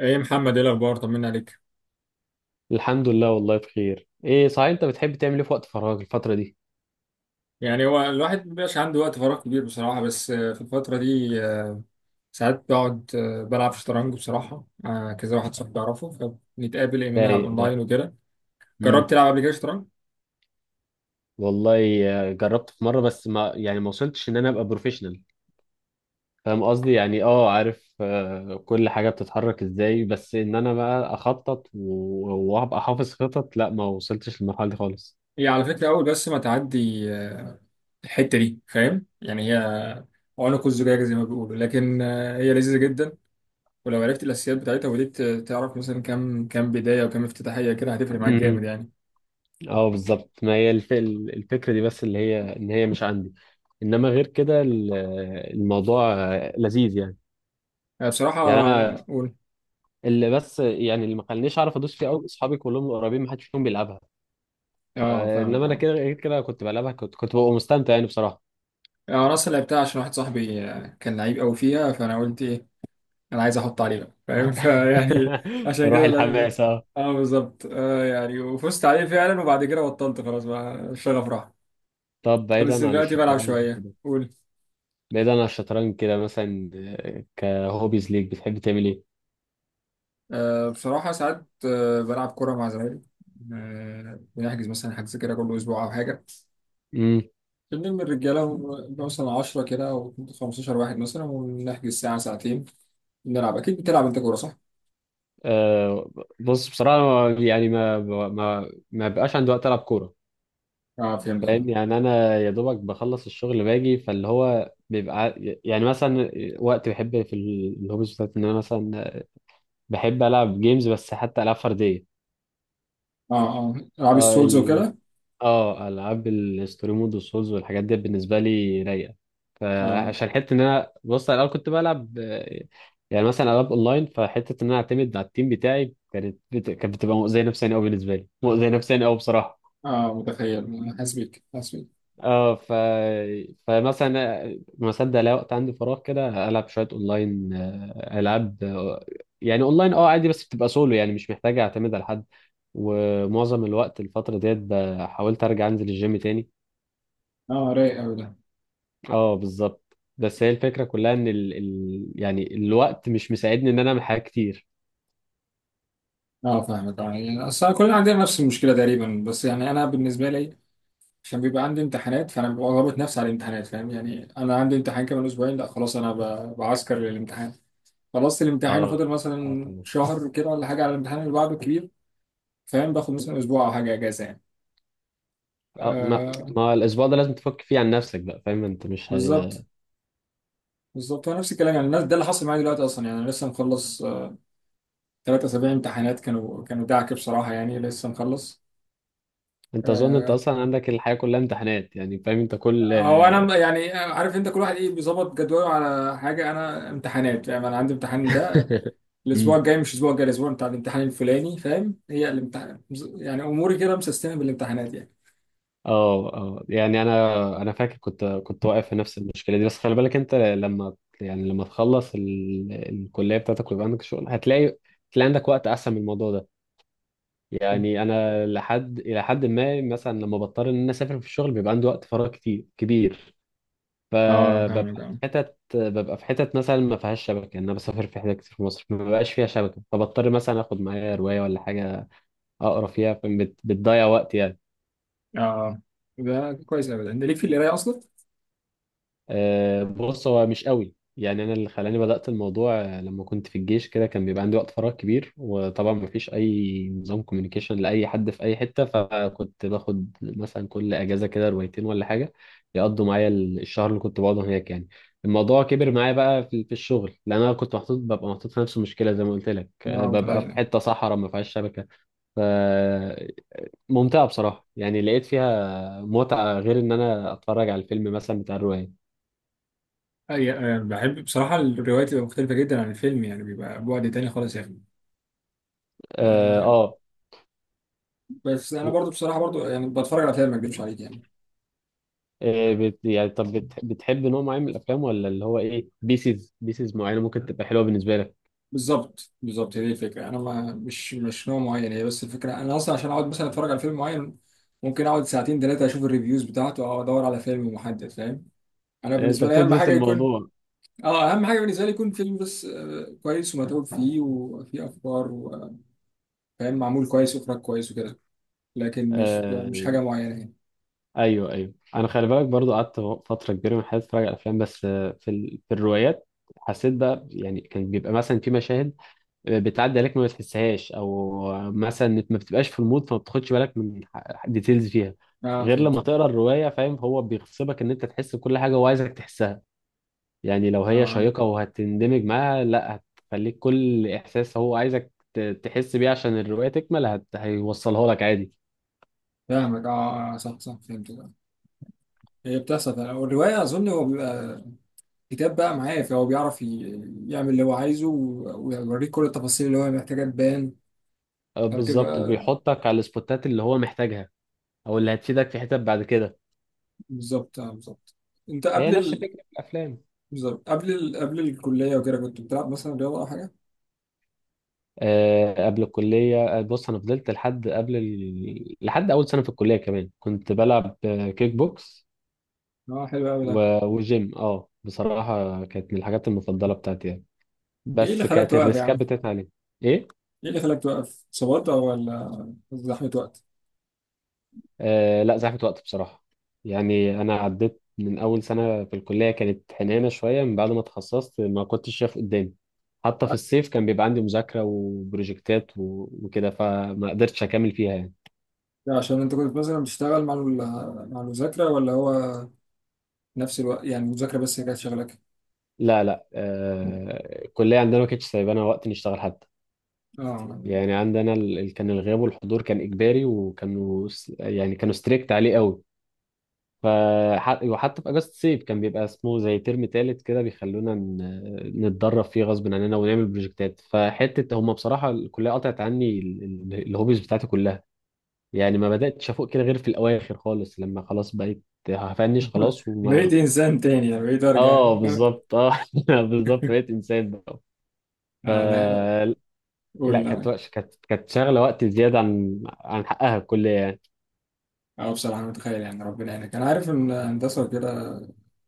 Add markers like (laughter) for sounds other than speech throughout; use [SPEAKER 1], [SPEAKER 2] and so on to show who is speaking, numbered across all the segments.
[SPEAKER 1] ايه محمد، ايه الاخبار؟ طمنا عليك.
[SPEAKER 2] الحمد لله، والله بخير. ايه صحيح، انت بتحب تعمل ايه في وقت فراغك الفترة دي؟
[SPEAKER 1] يعني هو الواحد مبيبقاش عنده وقت فراغ كبير بصراحه، بس في الفتره دي ساعات بقعد بلعب شطرنج بصراحه، كذا واحد صاحبي اعرفه. فبنتقابل، ايه، نلعب
[SPEAKER 2] رايق ده.
[SPEAKER 1] اونلاين وكده. جربت
[SPEAKER 2] امم.
[SPEAKER 1] تلعب قبل كده شطرنج؟
[SPEAKER 2] والله، جربت في مرة. بس ما وصلتش ان انا ابقى بروفيشنال. فاهم قصدي. يعني عارف، كل حاجة بتتحرك ازاي. بس ان انا بقى اخطط و- وابقى حافظ خطط. لا، ما وصلتش للمرحلة دي خالص.
[SPEAKER 1] هي على فكره اول، بس ما تعدي الحته دي، فاهم يعني؟ هي عنق الزجاجه زي ما بيقولوا، لكن هي لذيذه جدا. ولو عرفت الاساسيات بتاعتها وبديت تعرف مثلا كام كام بدايه وكام افتتاحيه، كده هتفرق معاك جامد
[SPEAKER 2] امم.
[SPEAKER 1] يعني.
[SPEAKER 2] اه بالظبط. ما هي الفكرة دي. بس اللي هي ان هي مش عندي. انما غير كده الموضوع لذيذ يعني.
[SPEAKER 1] آه، بصراحه.
[SPEAKER 2] يعني انا.
[SPEAKER 1] قول.
[SPEAKER 2] اللي بس يعني اللي ما خلانيش اعرف ادوس فيه قوي، اصحابي كلهم قريبين، ما حدش فيهم بيلعبها.
[SPEAKER 1] اه، فاهمك،
[SPEAKER 2] فانما انا
[SPEAKER 1] اه.
[SPEAKER 2] كده، غير كده كنت بلعبها، كنت ببقى مستمتع يعني، بصراحه.
[SPEAKER 1] يعني انا اصلا لعبتها عشان واحد صاحبي كان لعيب قوي فيها، فانا قلت ايه، انا عايز احط عليه بقى، فاهم؟ (laughs) فيعني،
[SPEAKER 2] (laughs)
[SPEAKER 1] عشان
[SPEAKER 2] روح
[SPEAKER 1] كده لعبت.
[SPEAKER 2] الحماس، اه.
[SPEAKER 1] اه بالظبط، يعني وفزت عليه فعلا، وبعد كده بطلت خلاص بقى الشغف راح.
[SPEAKER 2] طب،
[SPEAKER 1] بس
[SPEAKER 2] بعيدا عن
[SPEAKER 1] دلوقتي بلعب
[SPEAKER 2] الشطرنج
[SPEAKER 1] شويه.
[SPEAKER 2] كده.
[SPEAKER 1] قول.
[SPEAKER 2] بعيدا عن الشطرنج كده، مثلا كهوبيز ليك، بتحب تعمل ايه؟
[SPEAKER 1] بصراحه ساعات بلعب كوره مع زمايلي. بنحجز مثلا حجز كده كل اسبوع او حاجه.
[SPEAKER 2] امم.
[SPEAKER 1] بنلم الرجاله ونبقى مثلا 10 كده او 15 واحد مثلا، ونحجز ساعه ساعتين نلعب. اكيد بتلعب انت كوره، صح؟
[SPEAKER 2] آه بص، بصراحه يعني ما بقاش عندي وقت العب كوره.
[SPEAKER 1] اه فهمت
[SPEAKER 2] فاهم
[SPEAKER 1] يعني.
[SPEAKER 2] يعني، انا يا دوبك بخلص الشغل باجي، فاللي هو بيبقى يعني مثلا، وقت بحب في الهوبيز بتاعتي ان انا مثلا بحب العب جيمز، بس حتى العاب فرديه.
[SPEAKER 1] اه، اه، العاب
[SPEAKER 2] اه
[SPEAKER 1] السولز وكده.
[SPEAKER 2] اه، العاب الستوري مود والسولز والحاجات دي بالنسبه لي رايقه.
[SPEAKER 1] اه
[SPEAKER 2] فعشان حته ان انا، بص، على الاول كنت بلعب يعني مثلا العاب اونلاين، فحته ان انا اعتمد على التيم بتاعي كانت بتبقى مؤذيه نفسيا قوي، بالنسبه لي مؤذيه نفسيا قوي بصراحه.
[SPEAKER 1] اه، متخيل، حاسس بيك، حاسس بيك.
[SPEAKER 2] اه فمثلا ما صدق الاقي وقت عندي فراغ، كده العب شويه اونلاين، العاب يعني اونلاين، عادي، بس بتبقى سولو يعني، مش محتاج اعتمد على حد. ومعظم الوقت الفتره ديت، حاولت ارجع انزل الجيم تاني.
[SPEAKER 1] اه رايق قوي ده.
[SPEAKER 2] اه بالظبط. بس هي الفكره كلها ان يعني الوقت مش مساعدني ان انا اعمل حاجات كتير.
[SPEAKER 1] اه فاهمك اه. يعني اصل كلنا عندنا نفس المشكله تقريبا، بس يعني انا بالنسبه لي عشان بيبقى عندي امتحانات، فانا ببقى ضابط نفسي على الامتحانات. فاهم يعني؟ انا عندي امتحان كمان اسبوعين، لا خلاص انا بعسكر للامتحان. خلصت الامتحان
[SPEAKER 2] اه،
[SPEAKER 1] وفاضل
[SPEAKER 2] اه،
[SPEAKER 1] مثلا
[SPEAKER 2] تمام.
[SPEAKER 1] شهر كده ولا حاجه على الامتحان اللي بعده الكبير. فاهم. باخد مثلا اسبوع او حاجه اجازه يعني.
[SPEAKER 2] اه، ما...
[SPEAKER 1] آه
[SPEAKER 2] ما الاسبوع ده لازم تفك فيه عن نفسك بقى. فاهم انت، مش
[SPEAKER 1] بالظبط،
[SPEAKER 2] هي...
[SPEAKER 1] بالظبط هو نفس الكلام. يعني الناس ده اللي حصل معايا دلوقتي اصلا، يعني انا لسه مخلص 3 اسابيع امتحانات، كانوا دعكه بصراحه، يعني لسه مخلص.
[SPEAKER 2] انت، اظن انت
[SPEAKER 1] آه،
[SPEAKER 2] اصلا عندك الحياه كلها امتحانات يعني. فاهم انت كل...
[SPEAKER 1] هو انا يعني عارف انت كل واحد ايه بيظبط جدوله على حاجه، انا امتحانات، يعني انا عندي امتحان ده
[SPEAKER 2] (laughs)
[SPEAKER 1] الاسبوع
[SPEAKER 2] مم.
[SPEAKER 1] الجاي، مش الاسبوع الجاي، الاسبوع بتاع الامتحان الفلاني. فاهم؟ هي الامتحان. يعني اموري كده مسيستمه بالامتحانات يعني.
[SPEAKER 2] اه، اه، يعني انا فاكر كنت واقف في نفس المشكله دي. بس خلي بالك انت، لما تخلص الكليه بتاعتك ويبقى عندك شغل، هتلاقي عندك وقت احسن من الموضوع ده. يعني انا الى حد ما، مثلا لما بضطر ان انا اسافر في الشغل، بيبقى عندي وقت فراغ كتير كبير.
[SPEAKER 1] اه
[SPEAKER 2] فببقى
[SPEAKER 1] فاهم،
[SPEAKER 2] في
[SPEAKER 1] فاهم
[SPEAKER 2] حتت، مثلا ما فيهاش شبكه، ان انا بسافر في حتت كتير في مصر ما بيبقاش فيها شبكه، فبضطر مثلا اخد معايا روايه ولا حاجه اقرا فيها. بتضيع وقت يعني.
[SPEAKER 1] اه. ده كويس ابدا، انت ليك في القرايه اصلا.
[SPEAKER 2] بص، هو مش قوي. يعني انا اللي خلاني بدأت الموضوع، لما كنت في الجيش كده، كان بيبقى عندي وقت فراغ كبير، وطبعا مفيش اي نظام كوميونيكيشن لاي حد في اي حتة، فكنت باخد مثلا كل اجازة كده روايتين ولا حاجة يقضوا معايا الشهر اللي كنت بقعده هناك يعني. الموضوع كبر معايا بقى في الشغل، لان انا كنت محطوط، ببقى محطوط في نفس المشكله زي ما قلت لك،
[SPEAKER 1] اه
[SPEAKER 2] ببقى في
[SPEAKER 1] متخيل.
[SPEAKER 2] حته صحراء ما فيهاش شبكه. فممتعه بصراحه يعني، لقيت فيها متعه غير ان انا اتفرج على الفيلم مثلا بتاع الروايه.
[SPEAKER 1] بحب بصراحة الروايات بتبقى مختلفة جدا عن الفيلم، يعني بيبقى بعد تاني خالص يا أخي.
[SPEAKER 2] اه،
[SPEAKER 1] آه، بس انا
[SPEAKER 2] و...
[SPEAKER 1] برضو بصراحه، برضو يعني بتفرج على افلام، ما اكذبش عليك يعني.
[SPEAKER 2] يعني طب، بتحب نوع معين من الافلام، ولا اللي هو ايه، بيسز معينه ممكن تبقى حلوه بالنسبه لك؟
[SPEAKER 1] بالظبط، بالظبط هي دي الفكره. انا ما مش نوع معين، هي بس الفكره انا اصلا عشان اقعد مثلا اتفرج على فيلم معين ممكن اقعد ساعتين ثلاثه اشوف الريفيوز بتاعته او ادور على فيلم محدد فاهم. انا
[SPEAKER 2] انت
[SPEAKER 1] بالنسبه لي اهم
[SPEAKER 2] بتدرس
[SPEAKER 1] حاجه يكون.
[SPEAKER 2] الموضوع؟
[SPEAKER 1] اه اهم حاجه بالنسبه لي يكون فيلم بس كويس ومتعوب فيه وفيه افكار، وفاهم، معمول كويس واخراج كويس وكده. لكن مش
[SPEAKER 2] آه...
[SPEAKER 1] حاجه معينه يعني.
[SPEAKER 2] ايوه، ايوه، انا خلي بالك برضو قعدت فتره كبيره من حياتي اتفرج على افلام. بس في الروايات حسيت بقى، يعني كان بيبقى مثلا في مشاهد بتعدي عليك ما بتحسهاش، او مثلا ما بتبقاش في المود فما بتاخدش بالك من ديتيلز فيها،
[SPEAKER 1] اه
[SPEAKER 2] غير
[SPEAKER 1] فهمت.
[SPEAKER 2] لما تقرا الروايه. فاهم؟ هو بيغصبك ان انت تحس بكل حاجه وعايزك تحسها. يعني لو هي
[SPEAKER 1] اه
[SPEAKER 2] شيقة وهتندمج معاها، لا، هتخليك كل إحساس هو عايزك تحس بيه عشان الرواية تكمل، هيوصلها لك عادي.
[SPEAKER 1] فاهمك اه. صح، صح، فهمت. هي بتحصل فعلا. والروايه اظن هو بيبقى كتاب بقى معاه، فهو بيعرف يعمل اللي هو عايزه ويوريك كل التفاصيل اللي هو محتاجها تبان.
[SPEAKER 2] بالظبط،
[SPEAKER 1] فبتبقى
[SPEAKER 2] وبيحطك على السبوتات اللي هو محتاجها، أو اللي هتفيدك في حتت بعد كده.
[SPEAKER 1] بالظبط، بالظبط. انت
[SPEAKER 2] هي
[SPEAKER 1] قبل
[SPEAKER 2] نفس
[SPEAKER 1] ال...
[SPEAKER 2] فكرة الأفلام.
[SPEAKER 1] بالظبط، قبل الكلية وكده كنت بتلعب مثلا رياضة أو حاجة؟
[SPEAKER 2] أه، قبل الكلية، بص، أنا فضلت لحد لحد أول سنة في الكلية كمان كنت بلعب كيك بوكس
[SPEAKER 1] اه حلو أوي ده.
[SPEAKER 2] و... وجيم. اه بصراحة كانت من الحاجات المفضلة بتاعتي يعني.
[SPEAKER 1] ايه اللي
[SPEAKER 2] بس
[SPEAKER 1] خلاك
[SPEAKER 2] كانت
[SPEAKER 1] توقف يا
[SPEAKER 2] الريسكات
[SPEAKER 1] عم؟
[SPEAKER 2] بتاعتي عليه. إيه؟
[SPEAKER 1] ايه اللي خلاك توقف؟ صبرت أو ولا زحمة وقت؟
[SPEAKER 2] آه لا، زحمة وقت بصراحة. يعني أنا عديت من أول سنة في الكلية. كانت حنانة شوية. من بعد ما اتخصصت ما كنتش شايف قدامي. حتى في الصيف كان بيبقى عندي مذاكرة وبروجكتات و- وكده، فما قدرتش أكمل فيها يعني.
[SPEAKER 1] ده عشان انت كنت مثلا بتشتغل مع المذاكرة ولا هو نفس الوقت؟ يعني المذاكرة بس هي كانت شغلك؟
[SPEAKER 2] لا، لا، الكلية عندنا ما كانتش سايبانا وقت نشتغل حتى.
[SPEAKER 1] اه
[SPEAKER 2] يعني عندنا، كان الغياب والحضور كان إجباري، وكانوا س- يعني كانوا ستريكت عليه قوي. وحتى في اجازه الصيف كان بيبقى اسمه زي ترم تالت كده، بيخلونا نتدرب فيه غصب عننا ونعمل بروجكتات. فحته هم بصراحه الكليه قطعت عني الهوبيز بتاعتي كلها. يعني ما بداتش افوق كده غير في الاواخر خالص، لما خلاص بقيت هفنش
[SPEAKER 1] (laughs)
[SPEAKER 2] خلاص
[SPEAKER 1] بقيت
[SPEAKER 2] وما...
[SPEAKER 1] إنسان تاني، بقيت أرجع
[SPEAKER 2] اه
[SPEAKER 1] (laughs)
[SPEAKER 2] بالظبط، اه. (laughs) بالظبط، بقيت انسان بقى. ف...
[SPEAKER 1] آه، أنا
[SPEAKER 2] لا،
[SPEAKER 1] قول.
[SPEAKER 2] كانت شغله وقت زياده عن حقها الكليه يعني.
[SPEAKER 1] أنا بصراحة متخيل يعني ربنا يعينك، أنا عارف إن الهندسة كده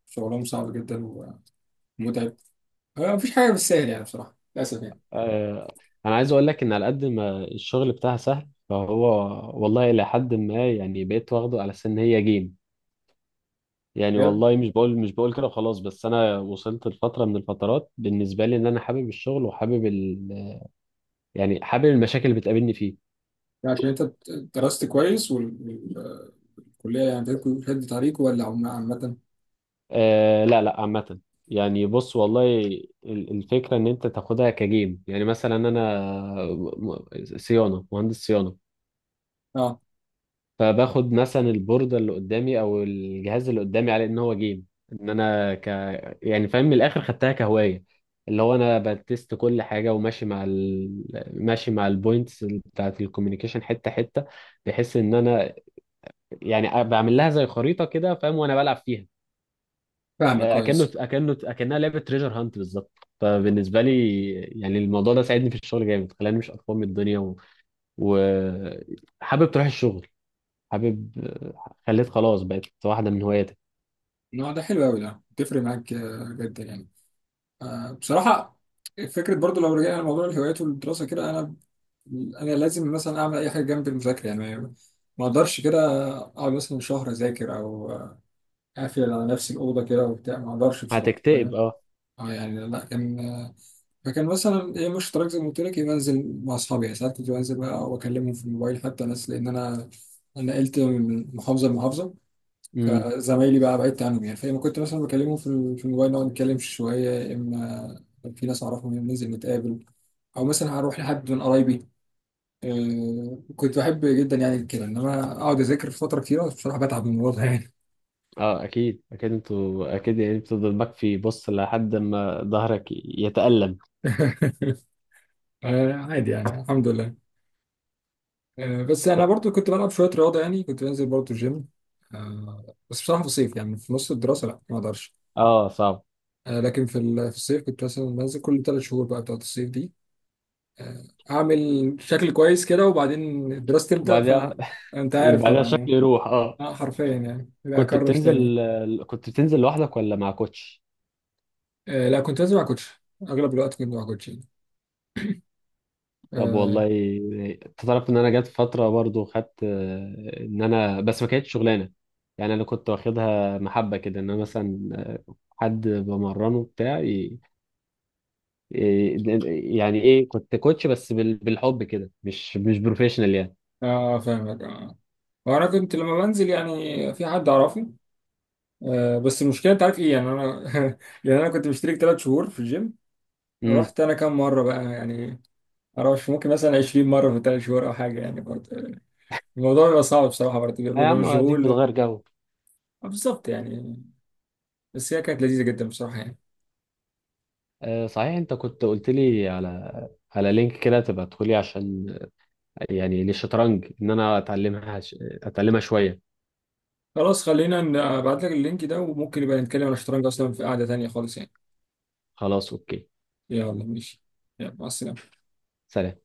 [SPEAKER 1] شغلهم صعب جدا ومتعب. مفيش حاجة بالسهل يعني، بصراحة للأسف يعني.
[SPEAKER 2] انا عايز اقول لك، ان على قد ما الشغل بتاعها سهل، فهو والله الى حد ما يعني، بقيت واخده على سن هي جيم. يعني
[SPEAKER 1] بجد؟
[SPEAKER 2] والله، مش بقول كده وخلاص. بس انا وصلت لفتره من الفترات بالنسبه لي، ان انا حابب الشغل وحابب يعني حابب المشاكل اللي بتقابلني فيه.
[SPEAKER 1] يعني عشان أنت درست كويس والكلية يعني بتاعتكم شد طريق ولا عامة؟
[SPEAKER 2] آه لا، لا، عامه. يعني بص، والله الفكره ان انت تاخدها كجيم، يعني مثلا انا، م- صيانه، مهندس صيانه.
[SPEAKER 1] أه
[SPEAKER 2] فباخد مثلا البوردة اللي قدامي، او الجهاز اللي قدامي، على ان هو جيم. ان انا ك... يعني فاهم، من الاخر خدتها كهواية، اللي هو انا بتست كل حاجة وماشي مع ماشي مع البوينتس بتاعت الكوميونيكيشن حتة حتة، بحيث ان انا يعني بعمل لها زي خريطة كده، فاهم؟ وانا بلعب فيها.
[SPEAKER 1] فاهمك
[SPEAKER 2] اكنه
[SPEAKER 1] كويس.
[SPEAKER 2] اكنه اكنها لعبة تريجر هانت بالظبط. فبالنسبة لي يعني، الموضوع ده ساعدني في الشغل جامد، خلاني مش قرفان من الدنيا وحابب تروح الشغل، حابب، خليت خلاص بقت واحدة من هواياتك.
[SPEAKER 1] النوع ده حلو أوي ده، بتفرق معاك جدا يعني. بصراحة. فكرة. برضو لو رجعنا لموضوع الهوايات والدراسة كده، أنا لازم مثلا أعمل أي حاجة جنب المذاكرة. يعني ما أقدرش كده أقعد مثلا شهر أذاكر أو قافل على نفسي الأوضة كده وبتاع، ما أقدرش بصراحة
[SPEAKER 2] هتكتئب،
[SPEAKER 1] فاهم.
[SPEAKER 2] اه.
[SPEAKER 1] اه يعني لا كان. فكان مثلا ايه، مش تراك، زي ما قلت لك إيه، بنزل مع أصحابي يعني ساعات، كنت بنزل بقى وأكلمهم في الموبايل حتى ناس، لأن أنا نقلت من محافظة لمحافظة.
[SPEAKER 2] امم.
[SPEAKER 1] فزمايلي بقى بعدت عنهم يعني، فلما كنت مثلا بكلمهم في الموبال نقعد نتكلم شوية، يا إما في ناس أعرفهم ننزل نتقابل، أو مثلا هروح لحد من قرايبي. كنت بحب جدا يعني كده، إنما أقعد أذاكر فترة كتيرة بصراحة بتعب من الموضوع ده يعني.
[SPEAKER 2] اه، اكيد، اكيد، انتوا اكيد، يعني بتفضل مكفي. بص لحد ما ظهرك يتألم.
[SPEAKER 1] (laughs) عادي يعني الحمد لله. بس انا برضو كنت بلعب شويه رياضه يعني، كنت بنزل برضو الجيم. بس بصراحه في الصيف يعني في نص الدراسه، لا ما اقدرش.
[SPEAKER 2] اه صعب.
[SPEAKER 1] لكن في الصيف كنت مثلا بنزل كل 3 شهور، بقى بتاعت الصيف دي. آه، اعمل شكل كويس كده، وبعدين الدراسه تبدا،
[SPEAKER 2] وبعدها... (laughs)
[SPEAKER 1] فانت عارف
[SPEAKER 2] بعدها
[SPEAKER 1] طبعا
[SPEAKER 2] شكل
[SPEAKER 1] يعني.
[SPEAKER 2] يروح، اه.
[SPEAKER 1] اه حرفيا يعني، لا
[SPEAKER 2] كنت
[SPEAKER 1] اكرش تاني.
[SPEAKER 2] بتنزل كنت بتنزل لوحدك ولا مع كوتش؟
[SPEAKER 1] لا كنت بنزل مع كوتش، اغلب الوقت كنت مع كوتش يعني.
[SPEAKER 2] طب
[SPEAKER 1] اه
[SPEAKER 2] والله، انت تعرف ان انا جت فتره برضو خدت، ان انا بس ما كانتش شغلانه. يعني انا كنت واخدها محبه كده، ان انا مثلا حد بمرنه بتاعي. إيه، يعني ايه، كنت كوتش بس بالحب كده، مش بروفيشنال يعني.
[SPEAKER 1] فاهمك اه. وانا كنت لما بنزل يعني في حد اعرفه. بس المشكله انت عارف ايه يعني، انا (laughs) يعني انا كنت مشترك 3 شهور في الجيم.
[SPEAKER 2] امم.
[SPEAKER 1] رحت انا كام مره بقى يعني؟ معرفش، ممكن مثلا 20 مره في 3 شهور او حاجه يعني، برضه الموضوع بيبقى صعب بصراحه، برضه
[SPEAKER 2] يا
[SPEAKER 1] بيبقى
[SPEAKER 2] عم اديك
[SPEAKER 1] مشغول.
[SPEAKER 2] بتغير جو.
[SPEAKER 1] بالظبط يعني. بس هي كانت لذيذه جدا بصراحه يعني.
[SPEAKER 2] آه صحيح، انت كنت قلت لي على لينك كده تبقى تدخلي، عشان يعني للشطرنج، ان انا اتعلمها شوية.
[SPEAKER 1] خلاص خلينا ابعت لك اللينك ده، وممكن نبقى نتكلم عن الشطرنج اصلا في قعده تانيه خالص يعني.
[SPEAKER 2] خلاص، اوكي.
[SPEAKER 1] يلا ماشي. يلا مع السلامه.
[SPEAKER 2] سلام.